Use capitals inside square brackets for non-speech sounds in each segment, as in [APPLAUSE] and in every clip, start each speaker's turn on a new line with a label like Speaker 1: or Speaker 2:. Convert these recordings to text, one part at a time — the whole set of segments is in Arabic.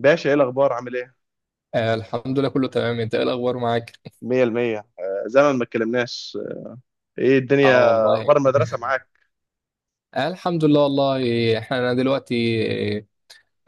Speaker 1: باشا، ايه الاخبار؟ عامل ايه؟
Speaker 2: آه، الحمد لله كله تمام. انت ايه الاخبار معاك؟
Speaker 1: مية المية. زمن ما اتكلمناش. ايه الدنيا؟
Speaker 2: اه، والله.
Speaker 1: اخبار
Speaker 2: [LAUGHS]
Speaker 1: المدرسة معاك؟
Speaker 2: آه، الحمد لله والله احنا دلوقتي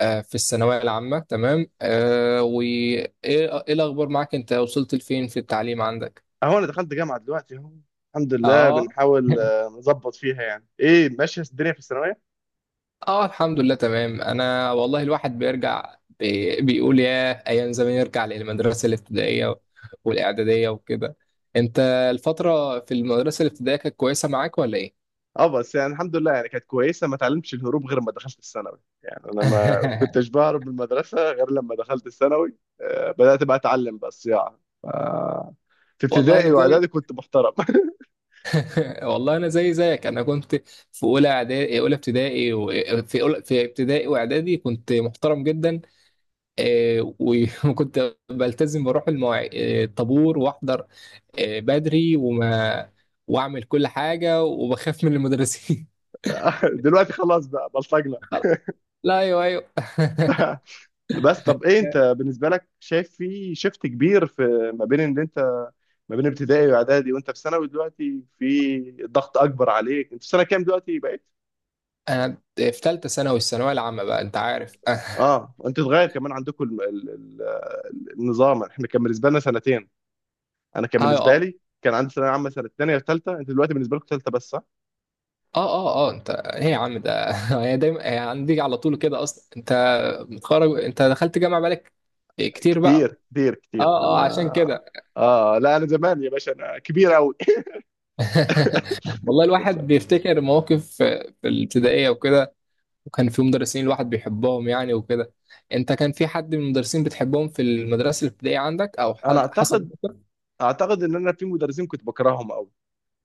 Speaker 2: في الثانويه العامه. تمام. وايه ايه ايه الاخبار معاك؟ انت وصلت لفين في التعليم عندك؟
Speaker 1: اهو انا دخلت جامعة دلوقتي اهو. الحمد لله،
Speaker 2: اه.
Speaker 1: بنحاول
Speaker 2: [LAUGHS]
Speaker 1: نظبط فيها. يعني ايه ماشية الدنيا في الثانوية.
Speaker 2: اه، الحمد لله تمام. انا والله الواحد بيرجع بيقول يا ايام زمان يرجع للمدرسه الابتدائيه والاعداديه وكده. انت الفتره في المدرسه الابتدائيه كانت كويسه معاك ولا ايه؟
Speaker 1: اه بس يعني الحمد لله، يعني كانت كويسة. ما اتعلمتش الهروب غير ما دخلت الثانوي، يعني انا ما كنتش
Speaker 2: [LAUGHS]
Speaker 1: بهرب من المدرسة غير لما دخلت الثانوي. بدأت بقى اتعلم بقى الصياعة، في
Speaker 2: والله انا
Speaker 1: ابتدائي
Speaker 2: زي
Speaker 1: واعدادي كنت محترم.
Speaker 2: [LAUGHS] والله انا زي زيك. انا كنت في اولى اعدادي اولى ابتدائي و... في ابتدائي واعدادي كنت محترم جدا. [LAUGHS] وكنت بلتزم بروح المواع... آه، الطابور واحضر بدري واعمل كل حاجه وبخاف من المدرسين.
Speaker 1: [LAUGHS] دلوقتي خلاص بقى بلطجنا.
Speaker 2: [LAUGHS] لا، ايوه، ايوه. [LAUGHS]
Speaker 1: بس طب ايه، انت بالنسبه لك شايف في شيفت كبير في ما بين ان انت ما بين ابتدائي واعدادي وانت في ثانوي دلوقتي؟ في ضغط اكبر عليك؟ انت في سنه كام دلوقتي بقيت؟
Speaker 2: انا في ثالثه ثانوي الثانويه العامه بقى، انت عارف. [LAUGHS]
Speaker 1: اه، انت اتغير كمان عندكم النظام. احنا كان بالنسبه لنا سنتين، انا كان بالنسبه
Speaker 2: اه،
Speaker 1: لي كان عندي ثانويه عامه سنه ثانيه وثالثه، انت دلوقتي بالنسبه لكم ثالثه بس، صح؟
Speaker 2: اه، اه، اه، انت ايه يا عم ده؟ [LAUGHS] هي دايما هي عندي على طول كده اصلا. انت متخرج، انت دخلت جامعه بالك كتير بقى.
Speaker 1: كتير كتير
Speaker 2: اه،
Speaker 1: كتير
Speaker 2: اه،
Speaker 1: انا.
Speaker 2: عشان كده.
Speaker 1: اه لا، انا زمان يا باشا، انا كبير قوي.
Speaker 2: [LAUGHS] والله
Speaker 1: [LAUGHS]
Speaker 2: الواحد
Speaker 1: ف-
Speaker 2: بيفتكر مواقف في الابتدائيه وكده، وكان في مدرسين الواحد بيحبهم يعني وكده. انت كان في حد من المدرسين بتحبهم في المدرسه الابتدائيه عندك او
Speaker 1: انا
Speaker 2: حصل
Speaker 1: اعتقد،
Speaker 2: موقف؟
Speaker 1: اعتقد ان انا في مدرسين كنت بكرههم قوي.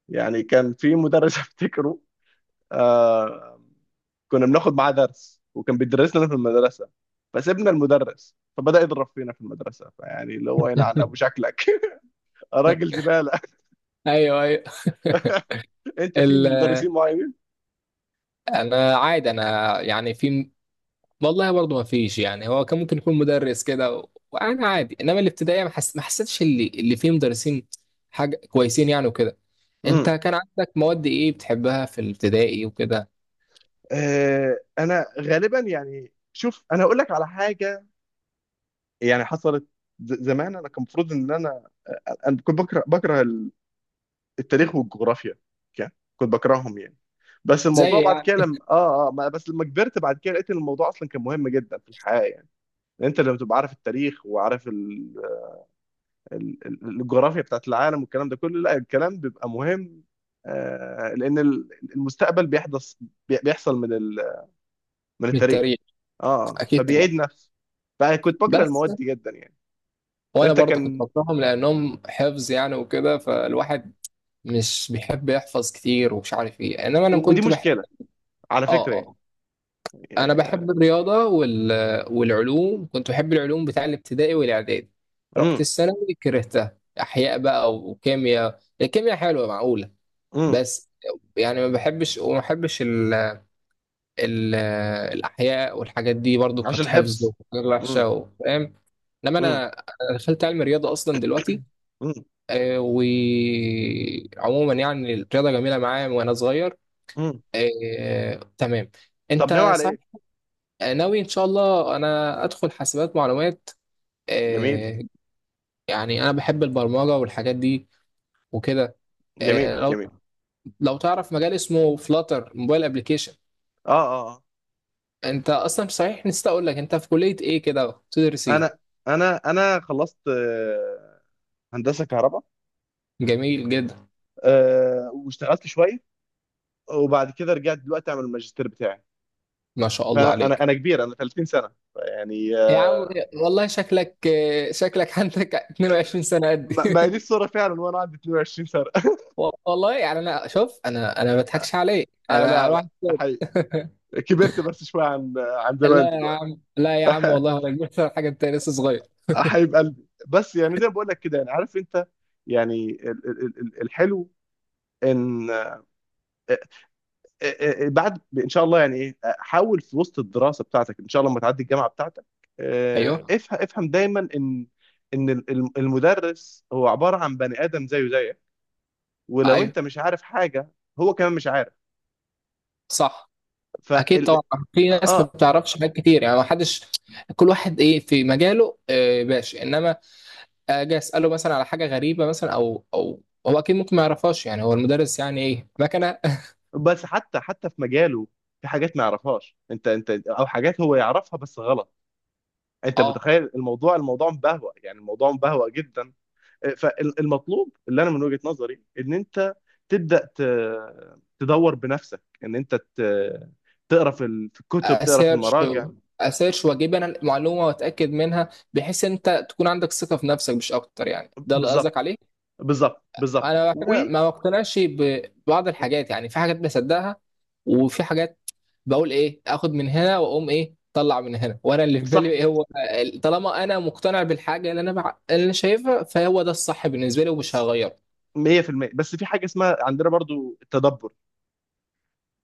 Speaker 1: يعني كان في مدرس [LAUGHS] افتكره. آه كنا بناخد معاه درس، وكان بيدرسنا في المدرسه، فسيبنا المدرس فبدأ يضرب فينا في المدرسه. فيعني اللي هو ينعل
Speaker 2: [LAUGHS]
Speaker 1: ابو شكلك. [LAUGHS] راجل زباله. [LAUGHS]
Speaker 2: ايوه، ايوه.
Speaker 1: انت في
Speaker 2: ال...
Speaker 1: مدرسين معينين؟
Speaker 2: انا عادي، انا يعني في... والله برضه ما فيش، يعني هو كان ممكن يكون مدرس كده وانا عادي، انما الابتدائيه ما حسيتش اللي فيه مدرسين حاجه كويسين يعني وكده. انت
Speaker 1: امم.
Speaker 2: كان عندك مواد ايه بتحبها في الابتدائي وكده؟
Speaker 1: انا غالبا، يعني شوف، انا اقول لك على حاجه. يعني حصلت، زمان انا كان المفروض ان انا انا كنت بكره التاريخ والجغرافيا. كان كنت بكرههم يعني. بس
Speaker 2: زي
Speaker 1: الموضوع بعد
Speaker 2: يعني.
Speaker 1: كده لما اه اه ما- بس لما كبرت بعد كده، لقيت ان الموضوع اصلا كان مهم جدا في الحياه يعني. انت لما تبقى عارف التاريخ، وعارف الجغرافيا بتاعت العالم والكلام ده كله، لا، الكلام بيبقى مهم. لان المستقبل بيحدث، بيحصل من من
Speaker 2: من
Speaker 1: التاريخ.
Speaker 2: التاريخ،
Speaker 1: اه
Speaker 2: اكيد طبعا.
Speaker 1: فبيعيد نفسه. فكنت بكره
Speaker 2: بس
Speaker 1: المواد دي جدا يعني.
Speaker 2: وانا
Speaker 1: انت
Speaker 2: برضه كنت
Speaker 1: كان،
Speaker 2: بكرههم لانهم حفظ يعني وكده، فالواحد مش بيحب يحفظ كتير ومش عارف ايه، انما
Speaker 1: و-
Speaker 2: انا
Speaker 1: ودي
Speaker 2: كنت بحب.
Speaker 1: مشكله على
Speaker 2: اه،
Speaker 1: فكره يعني.
Speaker 2: اه، انا
Speaker 1: يعني-
Speaker 2: بحب الرياضه والعلوم. كنت بحب العلوم بتاع الابتدائي والاعدادي. رحت
Speaker 1: امم.
Speaker 2: الثانوي كرهتها، احياء بقى وكيمياء. الكيمياء حلوه معقوله،
Speaker 1: امم،
Speaker 2: بس يعني ما بحبش ال... الاحياء والحاجات دي. برضو كانت
Speaker 1: عشان
Speaker 2: حفظ
Speaker 1: حفظ.
Speaker 2: وحاجات وحشه
Speaker 1: امم.
Speaker 2: فاهم. انما
Speaker 1: امم.
Speaker 2: انا دخلت علم رياضه اصلا دلوقتي.
Speaker 1: امم.
Speaker 2: وعموما يعني الرياضه جميله معايا من وانا صغير.
Speaker 1: امم.
Speaker 2: تمام.
Speaker 1: طب ناوي
Speaker 2: انت
Speaker 1: على
Speaker 2: صح.
Speaker 1: ايه؟
Speaker 2: ناوي ان شاء الله انا ادخل حاسبات معلومات.
Speaker 1: جميل.
Speaker 2: آه، يعني انا بحب البرمجه والحاجات دي وكده.
Speaker 1: جميل.
Speaker 2: لو
Speaker 1: جميل.
Speaker 2: تعرف مجال اسمه فلاتر موبايل ابلكيشن.
Speaker 1: اه اه آه.
Speaker 2: انت اصلا، صحيح نسيت اقول لك، انت في كليه ايه كده بتدرس ايه؟
Speaker 1: انا انا خلصت هندسه كهرباء.
Speaker 2: جميل جدا.
Speaker 1: واشتغلت شويه، وبعد كده رجعت دلوقتي اعمل الماجستير بتاعي.
Speaker 2: ما شاء الله
Speaker 1: فانا انا
Speaker 2: عليك.
Speaker 1: انا كبير، انا 30 سنه يعني
Speaker 2: يا عم
Speaker 1: أه
Speaker 2: والله شكلك، شكلك عندك 22 سنه قد. [LAUGHS]
Speaker 1: ما هي دي الصوره فعلا، وانا عندي 22 سنه. [LAUGHS]
Speaker 2: والله يعني انا، شوف انا، ما بضحكش عليك انا
Speaker 1: لا
Speaker 2: اروح.
Speaker 1: لا، ده
Speaker 2: [LAUGHS]
Speaker 1: حقيقي. كبرت بس شويه عن زمان
Speaker 2: لا يا
Speaker 1: دلوقتي.
Speaker 2: عم، لا يا عم، والله
Speaker 1: [LAUGHS]
Speaker 2: ولا حاجه، انت لسه صغير.
Speaker 1: حبيب قلبي، بس يعني زي ما بقول لك كده، يعني عارف انت، يعني الحلو ان آه، بعد ان شاء الله يعني ايه، حاول في وسط الدراسه بتاعتك ان شاء الله لما تعدي الجامعه بتاعتك،
Speaker 2: ايوه،
Speaker 1: افهم، دايما ان المدرس هو عباره عن بني ادم زيه زيك. ولو
Speaker 2: ايوه.
Speaker 1: انت مش عارف حاجه، هو كمان مش عارف.
Speaker 2: صح، اكيد
Speaker 1: فال
Speaker 2: طبعا. في ناس ما
Speaker 1: اه
Speaker 2: بتعرفش حاجات كتير يعني، ما حدش. كل واحد ايه في مجاله باشا. انما اجي اساله مثلا على حاجه غريبه، مثلا او هو اكيد ممكن ما يعرفهاش، يعني هو المدرس يعني ايه مكنه.
Speaker 1: بس حتى، حتى في مجاله، في حاجات ما يعرفهاش انت، او حاجات هو يعرفها بس غلط.
Speaker 2: [LAUGHS]
Speaker 1: انت
Speaker 2: اه.
Speaker 1: متخيل الموضوع، مبهوأ يعني، الموضوع مبهوأ جدا. فالمطلوب اللي انا من وجهة نظري ان انت تبدا، تدور بنفسك، ان انت تقرا في في الكتب، تقرا في
Speaker 2: اسيرش
Speaker 1: المراجع.
Speaker 2: اسيرش واجيب انا المعلومه واتاكد منها، بحيث انت تكون عندك ثقه في نفسك مش اكتر. يعني ده اللي
Speaker 1: بالظبط.
Speaker 2: قصدك عليه.
Speaker 1: بالظبط. بالظبط.
Speaker 2: انا بعد
Speaker 1: و
Speaker 2: كده ما بقتنعش ببعض الحاجات، يعني في حاجات بصدقها وفي حاجات بقول ايه اخد من هنا واقوم ايه طلع من هنا، وانا اللي في بالي
Speaker 1: صح،
Speaker 2: ايه هو. طالما انا مقتنع بالحاجه، اللي انا اللي أنا شايفها، فهو ده الصح بالنسبه لي ومش هغيره.
Speaker 1: 100%. بس في حاجه اسمها عندنا برضو التدبر.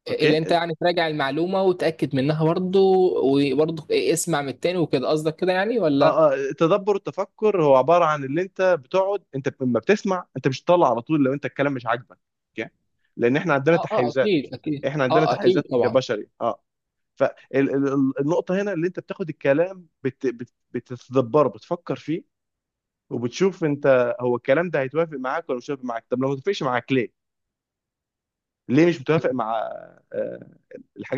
Speaker 2: اللي
Speaker 1: اوكي.
Speaker 2: انت يعني تراجع المعلومه وتاكد منها برضه، وبرضه إيه اسمع من التاني وكده، قصدك كده يعني ولا؟
Speaker 1: اه التدبر، التفكر، هو عباره عن اللي انت بتقعد. انت لما بتسمع انت مش بتطلع على طول لو انت الكلام مش عاجبك. اوكي. لان احنا عندنا
Speaker 2: اه، اه،
Speaker 1: تحيزات،
Speaker 2: اكيد، اكيد،
Speaker 1: احنا عندنا
Speaker 2: اه، اكيد
Speaker 1: تحيزات
Speaker 2: طبعا.
Speaker 1: كبشري، اه. فالنقطة هنا اللي انت بتاخد الكلام، بتتدبره، بتفكر فيه، وبتشوف انت هو الكلام ده هيتوافق معاك ولا مش هيتوافق معاك. طب لو ما توافقش معاك، ليه؟ ليه مش متوافق مع آه،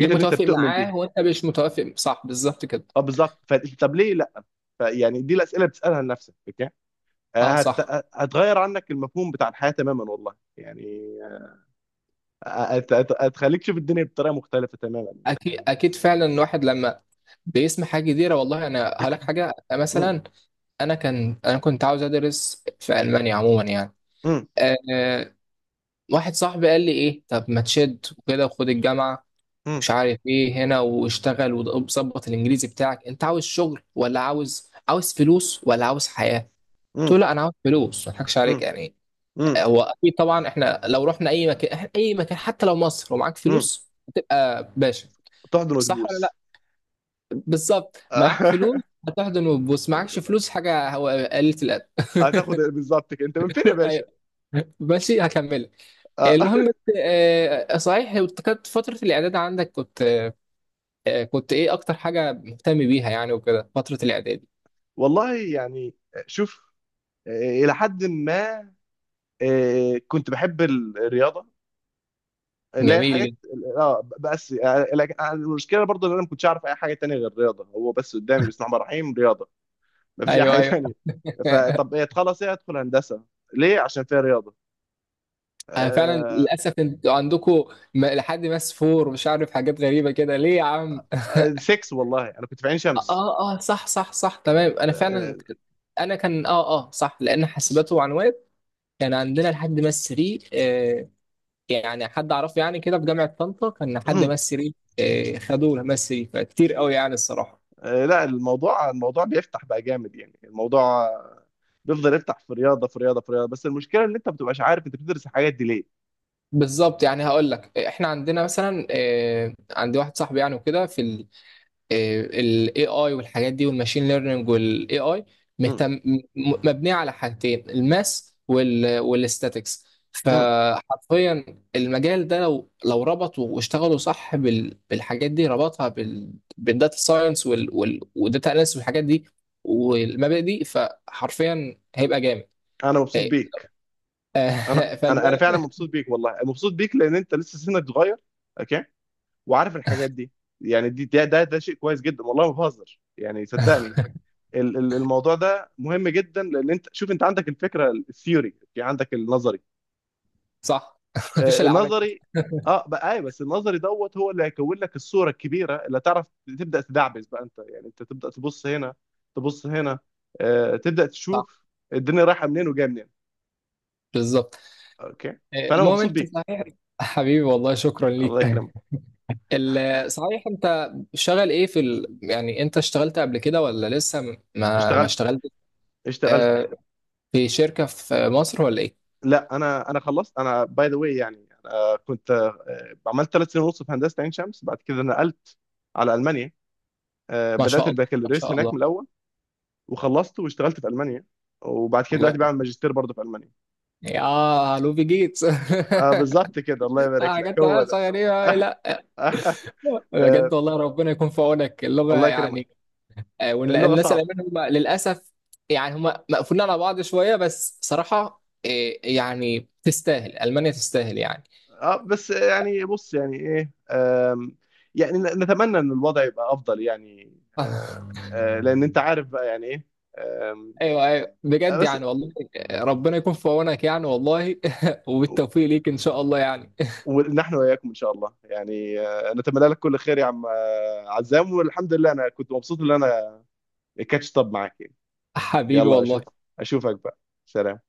Speaker 2: ليه
Speaker 1: اللي انت
Speaker 2: متوافق
Speaker 1: بتؤمن بيها؟
Speaker 2: معاه وانت مش متوافق؟ صح، بالظبط كده.
Speaker 1: اه، بالظبط. طب ليه لا؟ فيعني دي الأسئلة بتسألها لنفسك، اوكي؟
Speaker 2: اه،
Speaker 1: آه، هت...
Speaker 2: صح،
Speaker 1: هتغير عنك المفهوم بتاع الحياة تماما والله يعني. آه، هتخليك تشوف الدنيا بطريقة مختلفة تماما.
Speaker 2: اكيد، اكيد. فعلا الواحد لما بيسمع حاجه جديده. والله انا هقول لك حاجه
Speaker 1: م-
Speaker 2: مثلا، انا كان انا كنت عاوز ادرس في المانيا عموما يعني.
Speaker 1: م-
Speaker 2: أه واحد صاحبي قال لي ايه، طب ما تشد وكده وخد الجامعه،
Speaker 1: م-
Speaker 2: مش عارف ايه هنا، واشتغل وظبط الانجليزي بتاعك. انت عاوز شغل ولا عاوز فلوس ولا عاوز حياه؟ قلت له
Speaker 1: م-
Speaker 2: لا، انا عاوز فلوس، ما اضحكش عليك
Speaker 1: م-
Speaker 2: يعني.
Speaker 1: م-
Speaker 2: هو اكيد طبعا احنا لو رحنا اي مكان، إحنا اي مكان حتى لو مصر ومعاك
Speaker 1: م-
Speaker 2: فلوس هتبقى باشا،
Speaker 1: تحضن
Speaker 2: صح ولا
Speaker 1: وتبوس.
Speaker 2: لا؟ بالظبط، معاك فلوس
Speaker 1: [LAUGHS]
Speaker 2: هتحضن وتبوس، معكش فلوس حاجه هو قلة الادب.
Speaker 1: هتاخد بالظبط كده، انت من فين يا باشا؟
Speaker 2: [LAUGHS] ماشي، هكملك.
Speaker 1: آه.
Speaker 2: المهم.
Speaker 1: [LAUGHS]
Speaker 2: صحيح، كانت فترة الإعداد عندك كنت، كنت إيه أكتر حاجة مهتم بيها يعني وكده فترة الإعداد؟
Speaker 1: والله يعني، شوف، آه، الى حد ما كنت بحب الرياضه، اللي هي
Speaker 2: جميل
Speaker 1: الحاجات.
Speaker 2: جدا.
Speaker 1: اه بس لكن المشكله برضو ان انا ما كنتش اعرف اي حاجه تانية غير الرياضه. هو بس قدامي بسم الله الرحمن الرحيم رياضه، ما فيش اي
Speaker 2: أيوه،
Speaker 1: حاجه
Speaker 2: أيوه.
Speaker 1: تانية.
Speaker 2: [LAUGHS]
Speaker 1: فطب ايه تخلص، ايه ادخل هندسه؟ ليه؟ عشان فيها رياضه.
Speaker 2: أنا فعلا للأسف أنتوا عندكم لحد ماس فور، مش عارف حاجات غريبة كده، ليه يا عم؟ [LAUGHS]
Speaker 1: 6، والله انا كنت في عين
Speaker 2: آه،
Speaker 1: شمس.
Speaker 2: آه، صح، صح، صح، تمام، أنا
Speaker 1: آه،
Speaker 2: فعلا. انا كان، اه، اه، صح، لان حاسبات ومعلومات كان عندنا لحد ماس 3. يعني حد اعرفه يعني كده في جامعه طنطا كان حد مس
Speaker 1: [CLEARS THROAT]
Speaker 2: ريل. خدوه مس ريل، فكتير قوي يعني الصراحه.
Speaker 1: لا، الموضوع، بيفتح بقى جامد يعني الموضوع، آه، بيفضل يفتح في رياضه في رياضه في رياضه. بس المشكله ان انت ما بتبقاش عارف انت بتدرس الحاجات دي ليه.
Speaker 2: بالظبط. يعني هقول لك احنا عندنا مثلا، عندي واحد صاحبي يعني وكده في الاي اي والحاجات دي والماشين ليرنينج. والاي اي
Speaker 1: امم.
Speaker 2: مهتم، مبنيه على حاجتين، الماس والاستاتكس.
Speaker 1: امم.
Speaker 2: فحرفيا المجال ده لو ربطوا واشتغلوا صح بالحاجات دي، ربطها بالداتا ساينس والداتا اناليسيس والحاجات دي والمبادئ دي، فحرفيا هيبقى جامد.
Speaker 1: انا مبسوط بيك. انا
Speaker 2: آه، [LAUGHS] فالمهم.
Speaker 1: انا فعلا مبسوط بيك والله، مبسوط بيك لان انت لسه سنك صغير، اوكي، وعارف الحاجات دي. يعني دي ده شيء كويس جدا والله، ما بهزر يعني، صدقني. الموضوع ده مهم جدا، لان انت شوف، انت عندك الفكره الثيوري، عندك النظري.
Speaker 2: صح. [LAUGHS] مفيش العمل.
Speaker 1: النظري، اه بقى، ايوه بس النظري دوت هو اللي هيكون لك الصوره الكبيره اللي تعرف تبدا تدعبس بقى انت، يعني انت تبدا تبص هنا، تبص هنا، تبدا
Speaker 2: صح،
Speaker 1: تشوف الدنيا رايحه منين وجايه منين.
Speaker 2: بالظبط.
Speaker 1: اوكي. فانا
Speaker 2: المهم،
Speaker 1: مبسوط
Speaker 2: انت
Speaker 1: بيك.
Speaker 2: صحيح. حبيبي والله، شكرا
Speaker 1: الله
Speaker 2: ليك.
Speaker 1: يكرمك.
Speaker 2: [LAUGHS] صحيح انت شغال ايه في ال...؟ يعني انت اشتغلت قبل كده ولا لسه م- ما ما
Speaker 1: اشتغلت.
Speaker 2: اشتغلت؟
Speaker 1: اشتغلت.
Speaker 2: آه، في شركة في مصر ولا ايه؟
Speaker 1: لا، انا خلصت. انا باي ذا واي، يعني انا كنت عملت 3 سنين ونص في هندسه عين شمس، بعد كده نقلت على المانيا.
Speaker 2: ما
Speaker 1: بدات
Speaker 2: شاء الله، ما
Speaker 1: البكالوريوس
Speaker 2: شاء
Speaker 1: هناك
Speaker 2: الله.
Speaker 1: من الاول، وخلصت واشتغلت في المانيا، وبعد كده
Speaker 2: الله
Speaker 1: دلوقتي
Speaker 2: يقوي.
Speaker 1: بعمل ماجستير برضه في المانيا.
Speaker 2: يا لوبي جيتس.
Speaker 1: بالظبط كده، الله
Speaker 2: [LAUGHS]
Speaker 1: يبارك لك،
Speaker 2: حاجات
Speaker 1: هو
Speaker 2: تمام
Speaker 1: ده.
Speaker 2: صغيرة أوي،
Speaker 1: [LAUGHS]
Speaker 2: لا.
Speaker 1: آه آه آه
Speaker 2: بجد والله ربنا يكون في عونك، اللغة
Speaker 1: الله يكرمك.
Speaker 2: يعني.
Speaker 1: اللغة
Speaker 2: الناس
Speaker 1: صعبة.
Speaker 2: الألمان هم للأسف، يعني هم مقفولين على بعض شوية، بس صراحة يعني تستاهل، ألمانيا تستاهل يعني.
Speaker 1: بس يعني بص يعني ايه، يعني نتمنى ان الوضع يبقى افضل يعني. آم،
Speaker 2: [LAUGHS]
Speaker 1: آه لان انت عارف بقى يعني ايه، آم،
Speaker 2: ايوه، ايوه،
Speaker 1: آه
Speaker 2: بجد
Speaker 1: بس
Speaker 2: يعني والله. ربنا يكون في عونك يعني والله. [LAUGHS] وبالتوفيق ليك ان شاء الله يعني.
Speaker 1: ونحن واياكم ان شاء الله يعني. نتمنى لك كل خير يا عم، عزام. والحمد لله، انا كنت مبسوط ان انا كاتش طب معاك يعني.
Speaker 2: [LAUGHS] حبيبي
Speaker 1: يلا،
Speaker 2: والله.
Speaker 1: اشوفك بقى. سلام.